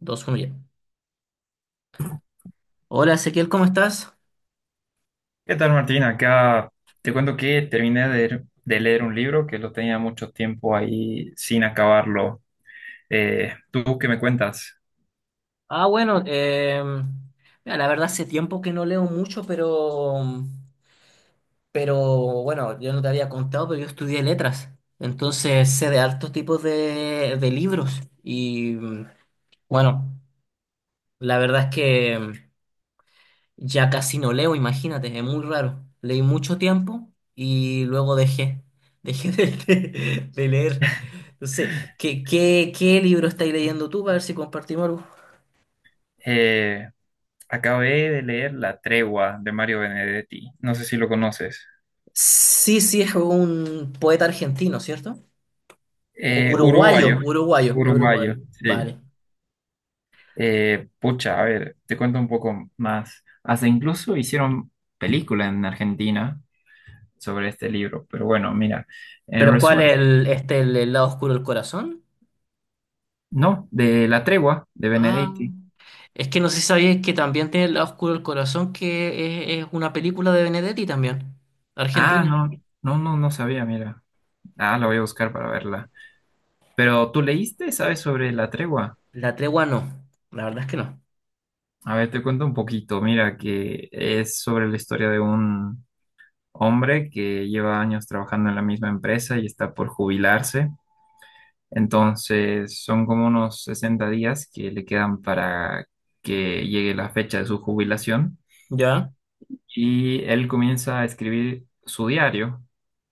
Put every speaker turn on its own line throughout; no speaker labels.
Dos, uno ya. Hola Ezequiel, ¿cómo estás?
¿Qué tal, Martín? Acá te cuento que terminé de leer un libro que lo tenía mucho tiempo ahí sin acabarlo. ¿Tú qué me cuentas?
Ah, bueno, mira, la verdad hace tiempo que no leo mucho, pero bueno, yo no te había contado, pero yo estudié letras, entonces sé de altos tipos de libros y bueno, la verdad es que ya casi no leo, imagínate, es muy raro. Leí mucho tiempo y luego dejé de leer. Entonces, ¿qué libro estáis leyendo tú? Para ver si compartimos algo.
Eh, Acabé de leer La Tregua de Mario Benedetti. No sé si lo conoces.
Sí, sí, es un poeta argentino, ¿cierto? O uruguayo,
Uruguayo.
uruguayo, es uruguayo.
Uruguayo, sí.
Vale.
Pucha, a ver, te cuento un poco más. Hasta incluso hicieron película en Argentina sobre este libro, pero bueno, mira, en
¿Pero cuál
resumen.
es el lado oscuro del corazón?
No, de La Tregua, de
Ah,
Benedetti.
es que no sé si sabías que también tiene el lado oscuro del corazón, que es una película de Benedetti también,
Ah,
Argentina.
no, no, no, no sabía, mira. Ah, la voy a buscar para verla. Pero tú leíste, ¿sabes sobre La Tregua?
La tregua no, la verdad es que no.
A ver, te cuento un poquito. Mira, que es sobre la historia de un hombre que lleva años trabajando en la misma empresa y está por jubilarse. Entonces, son como unos 60 días que le quedan para que llegue la fecha de su jubilación.
¿Ya?
Y él comienza a escribir su diario,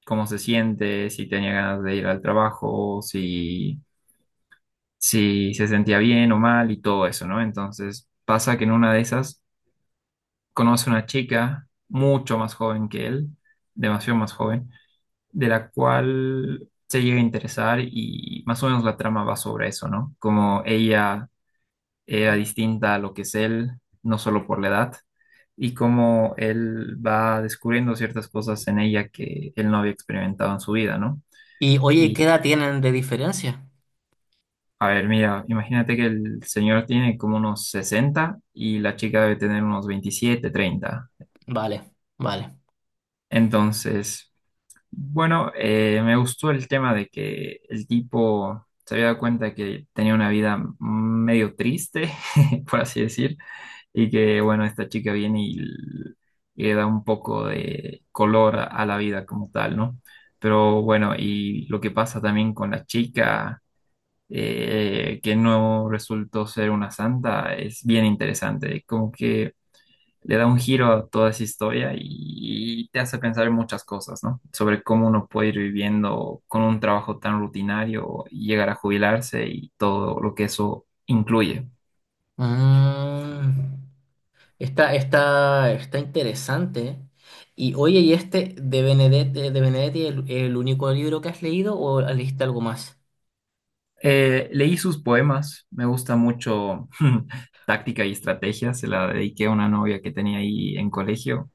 cómo se siente, si tenía ganas de ir al trabajo, si se sentía bien o mal y todo eso, ¿no? Entonces pasa que en una de esas conoce una chica mucho más joven que él, demasiado más joven, de la cual se llega a interesar y más o menos la trama va sobre eso, ¿no? Como ella era distinta a lo que es él, no solo por la edad, y cómo él va descubriendo ciertas cosas en ella que él no había experimentado en su vida, ¿no?
Y oye,
Y,
¿qué edad tienen de diferencia?
a ver, mira, imagínate que el señor tiene como unos 60 y la chica debe tener unos 27 30.
Vale, vale.
Entonces, bueno, me gustó el tema de que el tipo se había dado cuenta que tenía una vida medio triste, por así decir, y que, bueno, esta chica viene y le da un poco de color a la vida como tal, ¿no? Pero bueno, y lo que pasa también con la chica, que no resultó ser una santa, es bien interesante, como que le da un giro a toda esa historia y te hace pensar en muchas cosas, ¿no? Sobre cómo uno puede ir viviendo con un trabajo tan rutinario y llegar a jubilarse y todo lo que eso incluye.
Mm. Está interesante. Y oye, ¿y este de Benedetti el único libro que has leído o leíste algo más?
Leí sus poemas, me gusta mucho Táctica y Estrategia, se la dediqué a una novia que tenía ahí en colegio.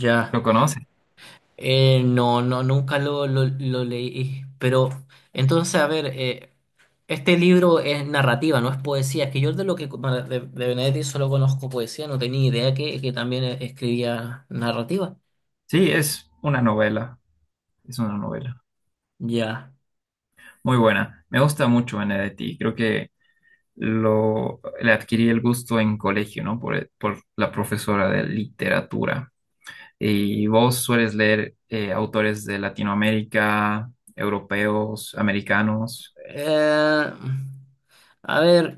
Ya.
¿Lo conoce?
No, no, nunca lo leí. Pero entonces, a ver, este libro es narrativa, no es poesía. Es que yo de lo que bueno, de Benedetti solo conozco poesía, no tenía idea que también escribía narrativa.
Sí, es una novela, es una novela.
Ya.
Muy buena. Me gusta mucho Benedetti. Creo que le adquirí el gusto en colegio, ¿no? Por la profesora de literatura. ¿Y vos sueles leer autores de Latinoamérica, europeos, americanos?
Eh, a ver.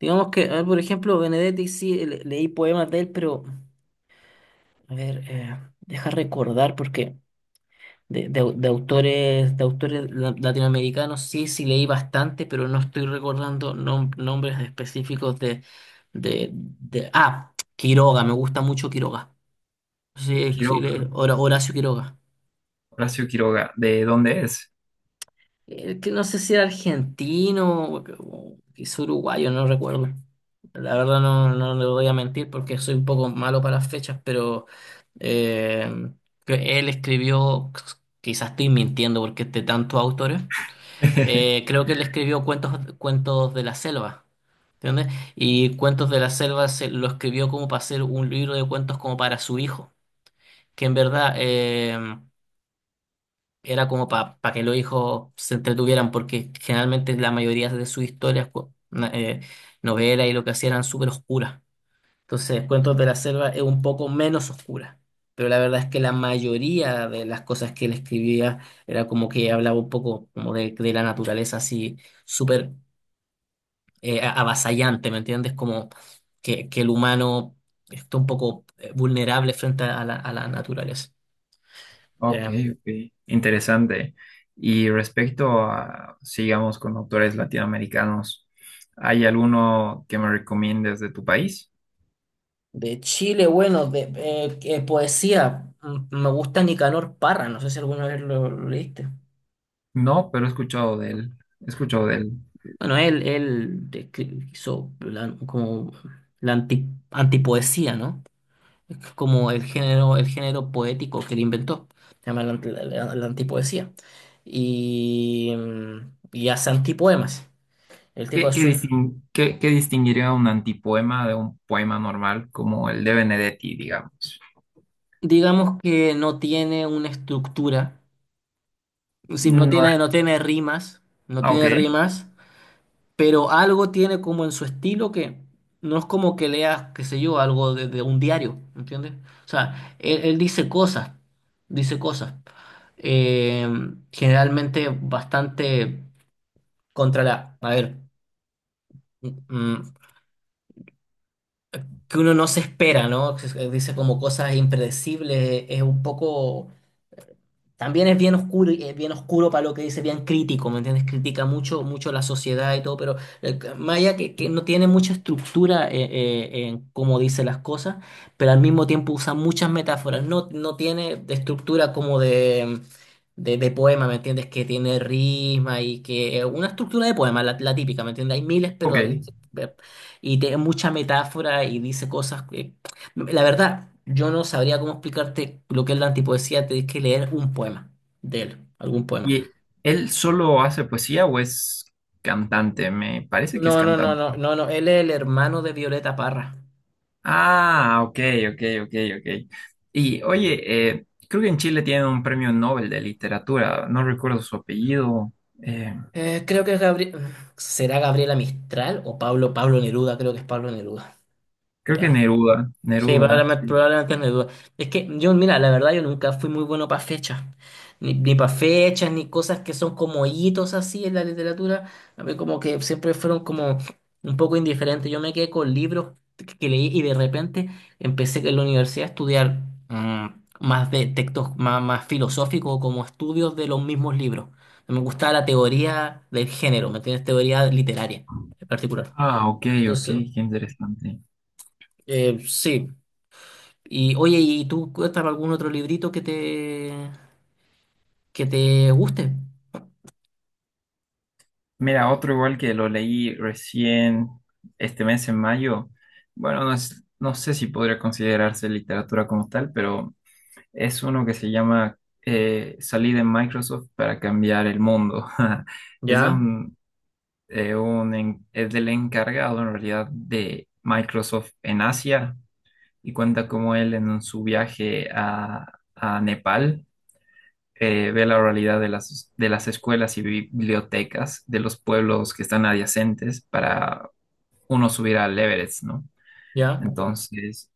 Digamos que, a ver, por ejemplo, Benedetti sí leí poemas de él, pero a ver, deja recordar porque de autores latinoamericanos sí sí leí bastante, pero no estoy recordando nombres específicos ah, Quiroga, me gusta mucho Quiroga. Sí, sí,
Quiroga,
Horacio Quiroga.
Horacio Quiroga, ¿de dónde es?
Que no sé si era argentino o quizá uruguayo, no recuerdo. La verdad no, no le voy a mentir porque soy un poco malo para las fechas, pero eh, que él escribió, quizás estoy mintiendo porque es de tantos autores, creo que él escribió cuentos, cuentos de la selva, ¿entiendes? Y Cuentos de la Selva lo escribió como para hacer un libro de cuentos como para su hijo, que en verdad era como para que los hijos se entretuvieran, porque generalmente la mayoría de sus historias, novelas y lo que hacían eran súper oscuras. Entonces, Cuentos de la Selva es un poco menos oscura, pero la verdad es que la mayoría de las cosas que él escribía era como que hablaba un poco como de la naturaleza así súper avasallante, ¿me entiendes? Como que el humano está un poco vulnerable frente a a la naturaleza.
Ok,
Eh,
ok, interesante. Y respecto a, sigamos con autores latinoamericanos, ¿hay alguno que me recomiendes de tu país?
de Chile, bueno, de que poesía, mm, me gusta Nicanor Parra, no sé si alguna vez lo leíste.
No, pero he escuchado de él, he escuchado de él.
Bueno, hizo antipoesía, ¿no? Es como el género poético que él inventó, se llama la antipoesía. Y, y hace antipoemas. El tipo
¿Qué,
de
qué
sus,
distin- qué- qué distinguiría un antipoema de un poema normal como el de Benedetti, digamos?
digamos que no tiene una estructura, es decir,
No,
no tiene rimas, no
ah, ok,
tiene rimas, pero algo tiene como en su estilo que no es como que leas, qué sé yo, algo de un diario, ¿entiendes? O sea, él dice cosas, eh, generalmente bastante contra la, a ver, mm, mm, que uno no se espera, ¿no? Dice como cosas impredecibles, es un poco también es bien oscuro, y es bien oscuro para lo que dice, bien crítico, ¿me entiendes? Critica mucho, mucho la sociedad y todo, pero Maya que no tiene mucha estructura en cómo dice las cosas, pero al mismo tiempo usa muchas metáforas. No, no tiene de estructura como de poema, ¿me entiendes? Que tiene risma y que, una estructura de poema, la típica, ¿me entiendes? Hay miles,
ok.
pero, y tiene mucha metáfora y dice cosas, la verdad, yo no sabría cómo explicarte lo que es la antipoesía, tenés que leer un poema de él, algún poema.
¿Y él solo hace poesía o es cantante? Me parece que es
No, no, no,
cantante.
no, no, no, él es el hermano de Violeta Parra.
Ah, ok, ok, ok, ok. Y oye, creo que en Chile tienen un premio Nobel de literatura, no recuerdo su apellido, eh,
Creo que es Gabriel, ¿será Gabriela Mistral o Pablo Neruda? Creo que es Pablo Neruda.
creo que Neruda,
Sí,
Neruda.
probablemente,
Sí.
probablemente es mi duda. Es que yo, mira, la verdad yo nunca fui muy bueno para fechas, ni para fechas, ni cosas que son como hitos así en la literatura. A mí como que siempre fueron como un poco indiferentes. Yo me quedé con libros que leí y de repente empecé en la universidad a estudiar mm, más de textos más filosóficos, como estudios de los mismos libros. Me gustaba la teoría del género, ¿me entiendes? Teoría literaria en particular.
Ah, ok, ok,
Entonces,
qué interesante.
sí. Y oye, ¿y tú cuéntame algún otro librito que te guste?
Mira, otro igual que lo leí recién este mes en mayo. Bueno, no, es- no sé si podría considerarse literatura como tal, pero es uno que se llama Salí de Microsoft para cambiar el mundo. Es de
Ya,
un en- es del encargado en realidad de Microsoft en Asia y cuenta cómo él en su viaje a Nepal ve la oralidad de las escuelas y bibliotecas de los pueblos que están adyacentes para uno subir al Everest, ¿no?
ya,
Entonces,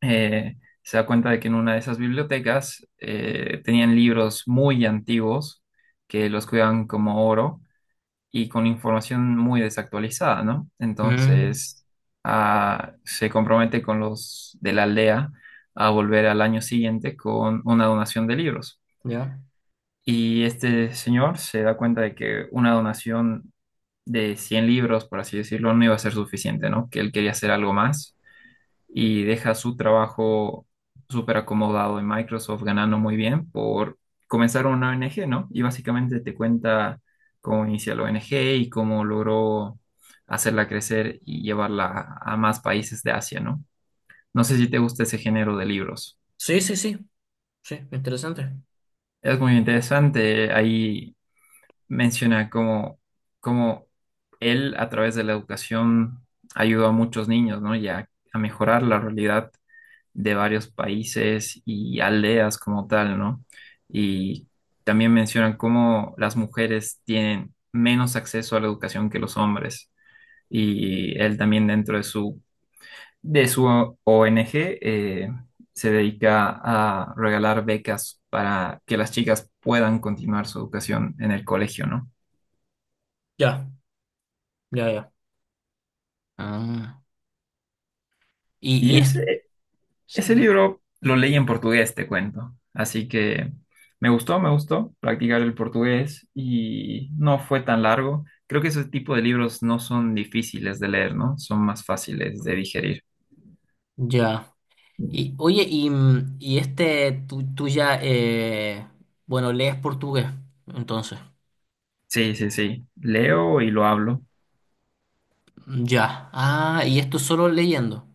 eh, se da cuenta de que en una de esas bibliotecas tenían libros muy antiguos que los cuidaban como oro y con información muy desactualizada, ¿no?
mm,
Entonces, ah, se compromete con los de la aldea a volver al año siguiente con una donación de libros.
ya.
Y este señor se da cuenta de que una donación de 100 libros, por así decirlo, no iba a ser suficiente, ¿no? Que él quería hacer algo más y deja su trabajo súper acomodado en Microsoft, ganando muy bien por comenzar una ONG, ¿no? Y básicamente te cuenta cómo inicia la ONG y cómo logró hacerla crecer y llevarla a más países de Asia, ¿no? No sé si te gusta ese género de libros.
Sí, sí, sí, sí, interesante.
Es muy interesante. Ahí menciona cómo él a través de la educación ayudó a muchos niños, ¿no? Y a mejorar la realidad de varios países y aldeas como tal, ¿no? Y también mencionan cómo las mujeres tienen menos acceso a la educación que los hombres. Y él también dentro de su ONG eh, se dedica a regalar becas para que las chicas puedan continuar su educación en el colegio, ¿no?
Ya, ya, ya, ah.
Y
Y es,
ese libro lo leí en portugués, te cuento. Así que me gustó practicar el portugués y no fue tan largo. Creo que ese tipo de libros no son difíciles de leer, ¿no? Son más fáciles de digerir.
ya. Y oye, y, mm, y este, tú ya, bueno, lees portugués, entonces.
Sí, sí, sí. Leo y lo hablo.
Ya. Ah, y esto solo leyendo.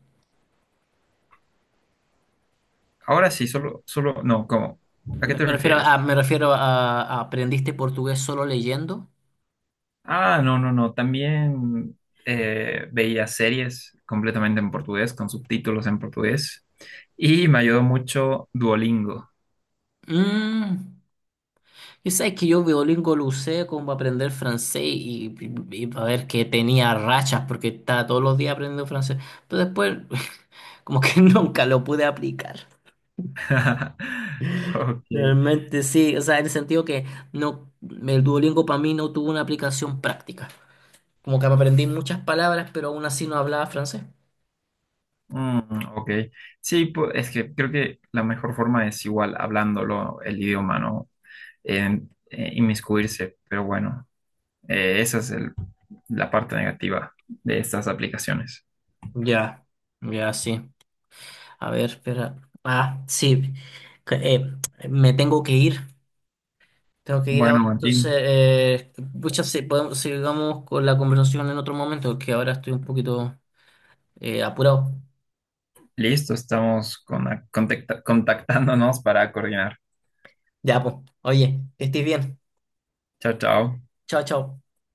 Ahora sí, solo, no, ¿cómo? ¿A qué te
Me refiero a,
refieres?
¿aprendiste portugués solo leyendo?
Ah, no, no, no. También veía series completamente en portugués, con subtítulos en portugués. Y me ayudó mucho Duolingo.
Mm. Y sabes que yo Duolingo lo usé como para aprender francés y para ver que tenía rachas porque estaba todos los días aprendiendo francés. Pero después como que nunca lo pude aplicar.
Ok.
Realmente sí, o sea, en el sentido que no, el Duolingo para mí no tuvo una aplicación práctica. Como que aprendí muchas palabras, pero aún así no hablaba francés.
Mm, ok. Sí, es que creo que la mejor forma es igual hablándolo el idioma, ¿no? Inmiscuirse, pero bueno, esa es la parte negativa de estas aplicaciones.
Ya, ya sí. A ver, espera. Ah, sí. Que, me tengo que ir. Tengo que ir ahora,
Bueno,
entonces,
Martín,
pucha, sí, podemos, sigamos con la conversación en otro momento, que ahora estoy un poquito apurado.
listo, estamos contactándonos para coordinar.
Ya, pues, oye, que estés bien.
Chao, chao.
Chao, chao.